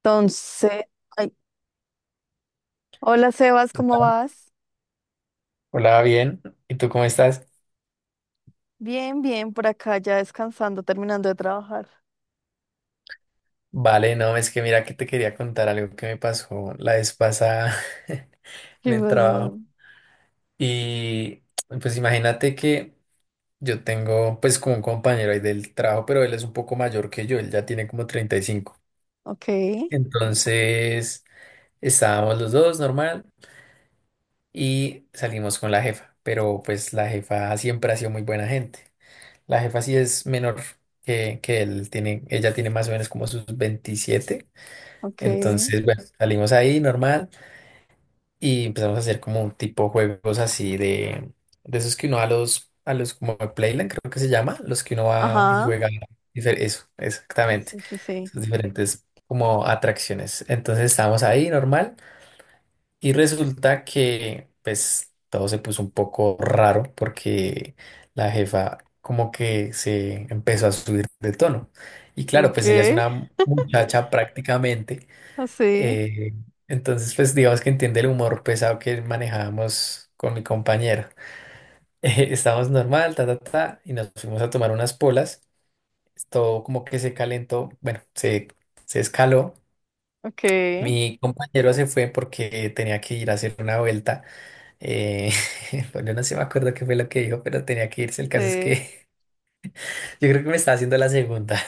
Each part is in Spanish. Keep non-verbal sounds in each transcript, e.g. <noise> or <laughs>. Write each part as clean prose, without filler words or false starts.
Entonces, ay, hola Sebas, ¿cómo Hola, vas? Bien. ¿Y tú cómo estás? Bien, bien, por acá ya descansando, terminando de trabajar. Vale, no, es que mira que te quería contar algo que me pasó la vez pasada <laughs> <laughs> en ¿Qué el pasó? trabajo. Y pues imagínate que yo tengo pues como un compañero ahí del trabajo, pero él es un poco mayor que yo, él ya tiene como 35. Ok, Entonces estábamos los dos normal y salimos con la jefa, pero pues la jefa siempre ha sido muy buena gente. La jefa sí es menor que él, tiene, ella tiene más o menos como sus 27. ok, Entonces, bueno, salimos ahí normal y empezamos a hacer como un tipo juegos así de esos que uno va a los como a Playland, creo que se llama, los que uno va y ajá, juega. Eso, exactamente. sí, sí, sí. Esas diferentes como atracciones. Entonces estábamos ahí normal y resulta que pues todo se puso un poco raro porque la jefa como que se empezó a subir de tono. Y claro, Ok, pues ella es una muchacha prácticamente. así, Eh, entonces, pues digamos que entiende el humor pesado que manejábamos con mi compañero. <laughs> Estábamos normal, ta, ta, ta, y nos fuimos a tomar unas polas. Todo como que se calentó, bueno, se escaló. ok, Mi compañero se fue porque tenía que ir a hacer una vuelta. Eh, <laughs> bueno, no sé, me acuerdo qué fue lo que dijo, pero tenía que irse. El caso es sí. que <laughs> yo creo que me estaba haciendo la segunda.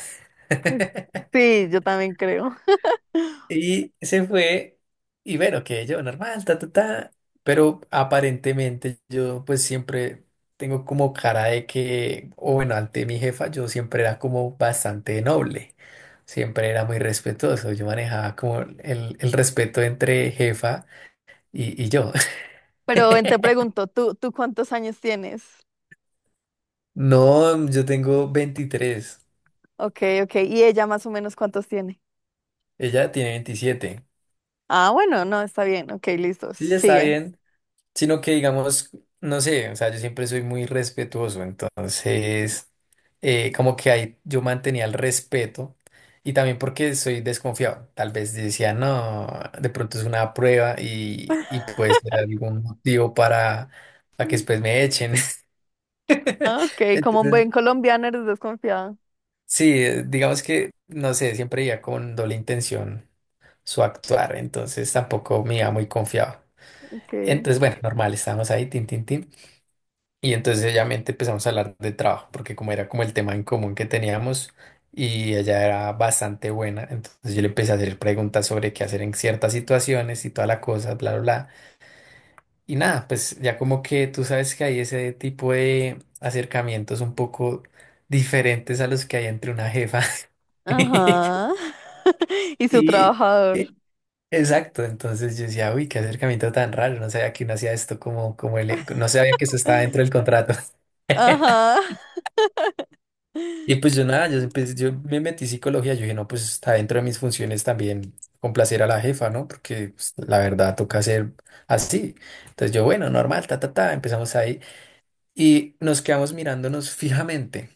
<laughs> Sí, yo también creo. <laughs> Y se fue y bueno, que yo normal, ta, ta, ta. Pero aparentemente yo pues siempre tengo como cara de que, o bueno, ante mi jefa yo siempre era como bastante noble, siempre era muy respetuoso, yo manejaba como el respeto entre jefa y yo. Pero ven, te <laughs> pregunto, ¿tú ¿cuántos años tienes? No, yo tengo 23. Ok, ok, ¿y ella más o menos cuántos tiene? Ella tiene 27. Ah, bueno, no, está bien, ok, listo, Sí, ya está sigue. bien. Sino que digamos, no sé, o sea, yo siempre soy muy respetuoso, entonces como que ahí yo mantenía el respeto y también porque soy desconfiado, tal vez decía, no, de pronto es una prueba y puede ser algún motivo para que después me echen. <laughs> Ah, ok, como un Entonces, buen colombiano eres desconfiado. sí, digamos que, no sé, siempre iba con doble intención su actuar, entonces tampoco me iba muy confiado. Ok. Entonces, bueno, normal, estábamos ahí, tin, tin, tin. Y entonces ella mente empezamos a hablar de trabajo, porque como era como el tema en común que teníamos y ella era bastante buena, entonces yo le empecé a hacer preguntas sobre qué hacer en ciertas situaciones y toda la cosa, bla, bla, bla. Y nada, pues ya como que tú sabes que hay ese tipo de acercamientos un poco diferentes a los que hay entre una jefa. <laughs> Ajá. <laughs> Y su Y, trabajador. y- exacto, entonces yo decía, uy, qué acercamiento tan raro, no sabía que uno hacía esto como, como el, no sabía que eso estaba dentro del contrato. <laughs> Ajá. Y pues yo nada, yo, yo me metí en psicología, yo dije, no, pues está dentro de mis funciones también complacer a la jefa, ¿no? Porque pues, la verdad toca ser así. Entonces yo, bueno, normal, ta, ta, ta, empezamos ahí y nos quedamos mirándonos fijamente.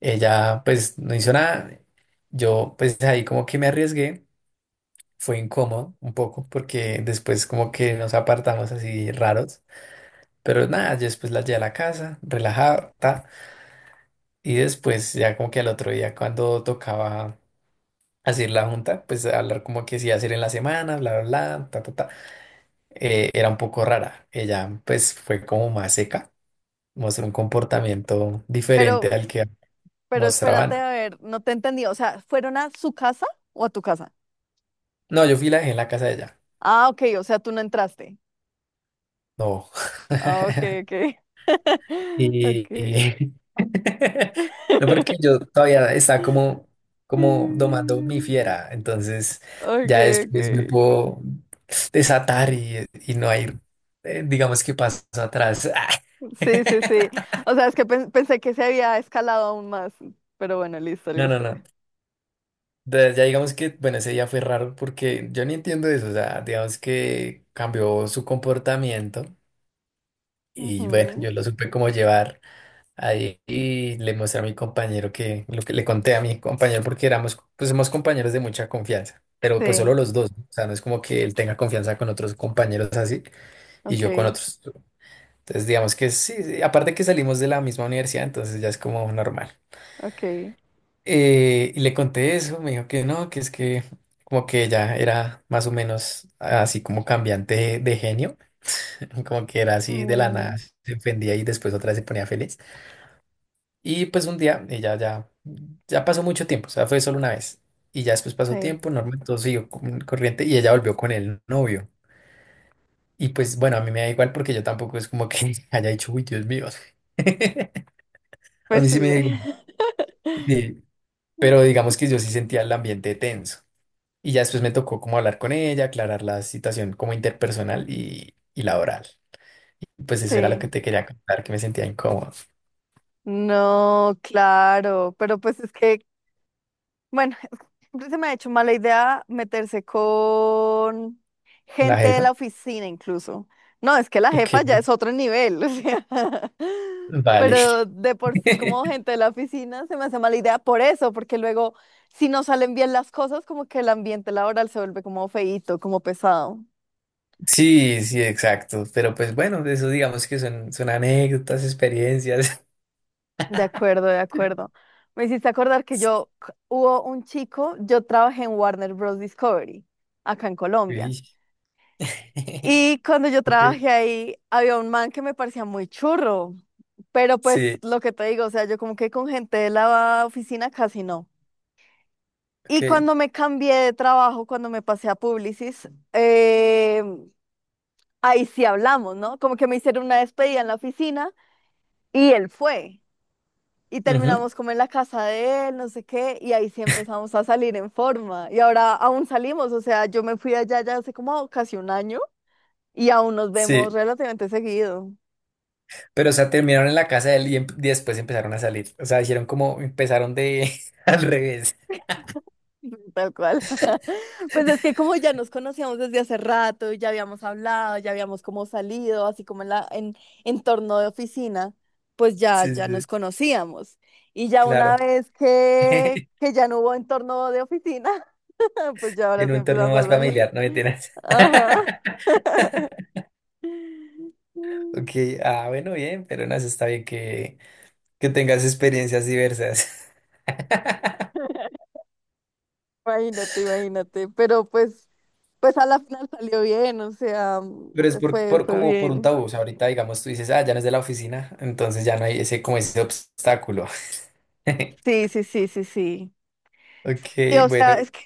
Ella pues no hizo nada, yo pues ahí como que me arriesgué, fue incómodo un poco porque después como que nos apartamos así raros, pero nada, yo después la llevé a la casa, relajada, ta, y después ya como que al otro día cuando tocaba hacer la junta, pues hablar como que sí iba a hacer en la semana, bla, bla, bla, ta, ta, ta, era un poco rara. Ella pues fue como más seca, mostró un comportamiento diferente Pero, al que pero espérate, mostraban. a ver, no te entendí. O sea, ¿fueron a su casa o a tu casa? No, yo fui y la dejé en la casa de ella. Ah, ok, o sea, tú no entraste. No. Ah, ok, <laughs> ok. <laughs> Y... Ok. <laughs> No, porque <laughs> yo todavía estaba como, como domando mi Mm, fiera, entonces ok, ya ok. después me puedo desatar y no hay, digamos que paso atrás. Sí, sí, sí. <laughs> O sea, es que pensé que se había escalado aún más. Pero bueno, listo, No, no, listo. no. Ya digamos que, bueno, ese día fue raro porque yo ni entiendo eso. O sea, digamos que cambió su comportamiento y bueno, Ujú. yo lo supe cómo llevar ahí y le mostré a mi compañero que lo que le conté a mi compañero porque éramos, pues somos compañeros de mucha confianza, pero pues solo Sí, los dos. ¿No? O sea, no es como que él tenga confianza con otros compañeros así y ok, yo con otros. Entonces, digamos que sí, sí, aparte que salimos de la misma universidad, entonces ya es como normal. ok. Y le conté eso, me dijo que no, que es que como que ella era más o menos así como cambiante de genio, <laughs> como que era así de la nada, Bueno, se ofendía y después otra vez se ponía feliz. Y pues un día ella ya, ya pasó mucho tiempo, o sea, fue solo una vez. Y ya después pasó sí. tiempo, normal, todo siguió corriente y ella volvió con el novio. Y pues bueno, a mí me da igual porque yo tampoco es como que <laughs> haya dicho, uy, Dios mío. <laughs> A Pues mí sí. sí me da igual, <laughs> sí, pero digamos que yo sí sentía el ambiente tenso. Y ya después me tocó como hablar con ella, aclarar la situación como interpersonal y laboral. Y pues eso era lo que Sí. te quería contar, que me sentía incómodo. No, claro, pero pues es que, bueno, <laughs> es que siempre se me ha hecho mala idea meterse con La gente de jefa. la oficina incluso. No, es que la Ok, jefa ya es otro nivel, o sea, <laughs> vale. pero de por sí <laughs> como gente de la oficina se me hace mala idea por eso, porque luego si no salen bien las cosas, como que el ambiente laboral se vuelve como feíto, como pesado. Sí, sí, exacto. Pero pues bueno, de eso digamos que son, son anécdotas, experiencias. De acuerdo, de acuerdo. <laughs> Me hiciste acordar que hubo un chico. Yo trabajé en Warner Bros. Discovery, acá en Colombia. Sí. <laughs> Y cuando yo Ok, trabajé ahí, había un man que me parecía muy churro, pero pues sí, lo que te digo, o sea, yo como que con gente de la oficina casi no. ok. Y cuando me cambié de trabajo, cuando me pasé a Publicis, ahí sí hablamos, ¿no? Como que me hicieron una despedida en la oficina y él fue. Y Ujú, terminamos como en la casa de él, no sé qué, y ahí sí empezamos a salir en forma. Y ahora aún salimos, o sea, yo me fui allá ya hace como casi un año y aún nos vemos sí, relativamente seguido, pero o sea, terminaron en la casa de él y, y después empezaron a salir. O sea, hicieron como, empezaron de <laughs> al revés. <laughs> tal cual. <laughs> Pues es que como ya nos conocíamos desde hace rato, y ya habíamos hablado, ya habíamos como salido, así como en la en entorno de oficina, pues ya Sí, sí, ya nos sí. conocíamos. Y ya una Claro. vez <laughs> que ya no hubo entorno de oficina, <laughs> pues ya ahora Tiene sí un torno empezamos a más salir. familiar, no me mentiras. <laughs> Ajá. Ok, <laughs> ah, bueno, bien, pero no, eso está bien que tengas experiencias diversas. <laughs> Imagínate, imagínate, pero pues, pues a la final salió bien, o sea, mm, Pero es fue, por, fue como por un bien. tabú, o sea, ahorita digamos tú dices, ah, ya no es de la oficina, entonces ya no hay ese, como ese obstáculo. <laughs> Sí, sí, sí, sí, sí. Ok, Y o sea, bueno,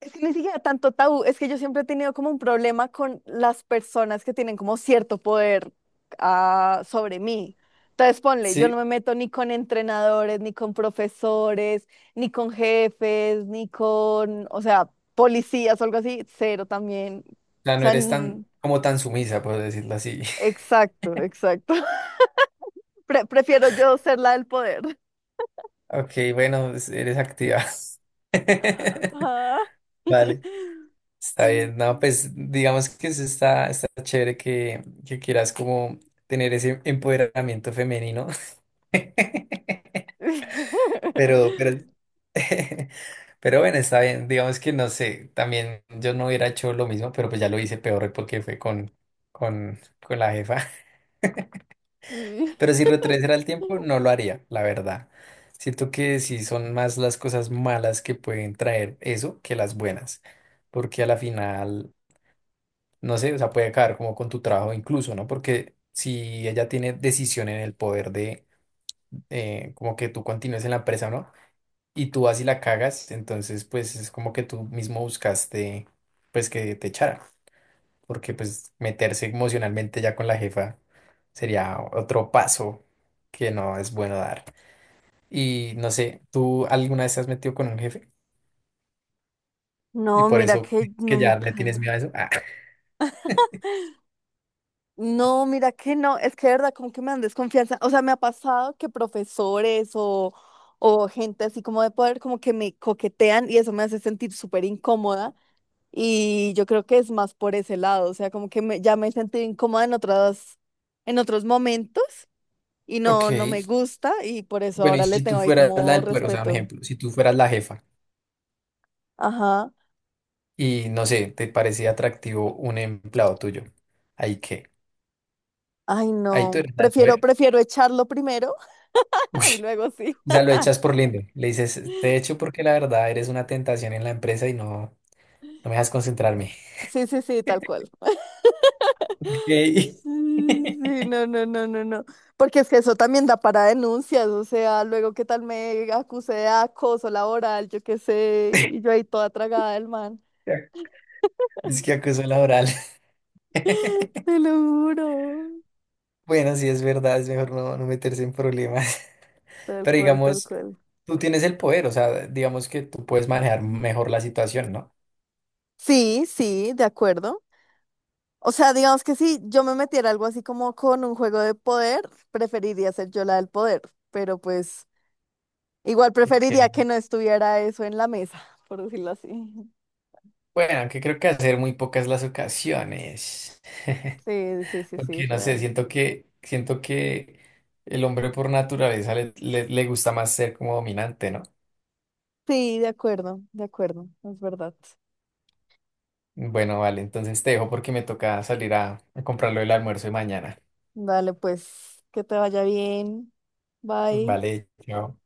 es que ni siquiera tanto tabú, es que yo siempre he tenido como un problema con las personas que tienen como cierto poder, ah, sobre mí. Entonces, ponle, yo no sí, me meto ni con entrenadores, ni con profesores, ni con jefes, ni con, o sea, policías o algo así, cero también. O ya no sea, eres tan, como tan sumisa, por decirlo así. exacto, exacto. Prefiero yo ser la del poder. <laughs> Ok, bueno, pues, eres activa. <laughs> Ah. <laughs> Vale. Está bien, no, pues digamos que eso está, está chévere que quieras como tener ese empoderamiento femenino, <laughs> pero, <laughs> pero bueno, está bien, digamos que no sé, también yo no hubiera hecho lo mismo, pero pues ya lo hice peor porque fue con, con la jefa, <laughs> Sí. pero si retrocediera el tiempo no lo haría, la verdad. Siento que sí son más las cosas malas que pueden traer eso que las buenas, porque a la final... no sé, o sea, puede caer como con tu trabajo incluso, ¿no? Porque si ella tiene decisión en el poder de como que tú continúes en la empresa, ¿no? Y tú vas y la cagas, entonces pues es como que tú mismo buscaste pues que te echara, porque pues meterse emocionalmente ya con la jefa sería otro paso que no es bueno dar. Y no sé, ¿tú alguna vez te has metido con un jefe? Y No, por mira eso que que ya nunca. le tienes miedo a eso. Ah. No, mira que no. Es que de verdad, como que me dan desconfianza. O sea, me ha pasado que profesores o gente así como de poder, como que me coquetean y eso me hace sentir súper incómoda. Y yo creo que es más por ese lado. O sea, como que ya me he sentido incómoda en otras, en otros momentos. Y no, no me Ok. gusta y por eso Bueno, y ahora le si tú tengo ahí fueras la como del poder, o sea, un respeto. ejemplo, si tú fueras la jefa, Ajá. y no sé, te parecía atractivo un empleado tuyo. Ahí qué, Ay, ahí tú no. eres la del Prefiero, poder. prefiero echarlo primero <laughs> Uy, <laughs> y luego sí. o sea, lo echas por lindo. Le dices, te echo porque la verdad eres una tentación en la empresa y no, no me dejas concentrarme. Sí, sí, sí, tal cual. Ok. Sí, <laughs> sí, no, no, no, no, no. Porque es que eso también da para denuncias, o sea, luego qué tal me acuse de acoso laboral, yo qué sé, y yo ahí toda tragada del man. Es que acoso laboral. <laughs> Te lo juro. Bueno, sí es verdad, es mejor no, no meterse en problemas. <laughs> Tal Pero cual, tal digamos, cual. tú tienes el poder, o sea, digamos que tú puedes manejar mejor la situación, ¿no? Sí, sí, de acuerdo. O sea, digamos que si yo me metiera algo así como con un juego de poder, preferiría ser yo la del poder, pero pues igual preferiría que Ok. no estuviera eso en la mesa, <laughs> por decirlo así. Bueno, aunque creo que hacer muy pocas las ocasiones. Sí, sí, sí, sí, Porque no sé, real. Siento que el hombre por naturaleza le, le gusta más ser como dominante, ¿no? Sí, de acuerdo, es verdad. Bueno, vale, entonces te dejo porque me toca salir a comprar lo del almuerzo de mañana. Dale, pues, que te vaya bien. Bye. Vale, chao.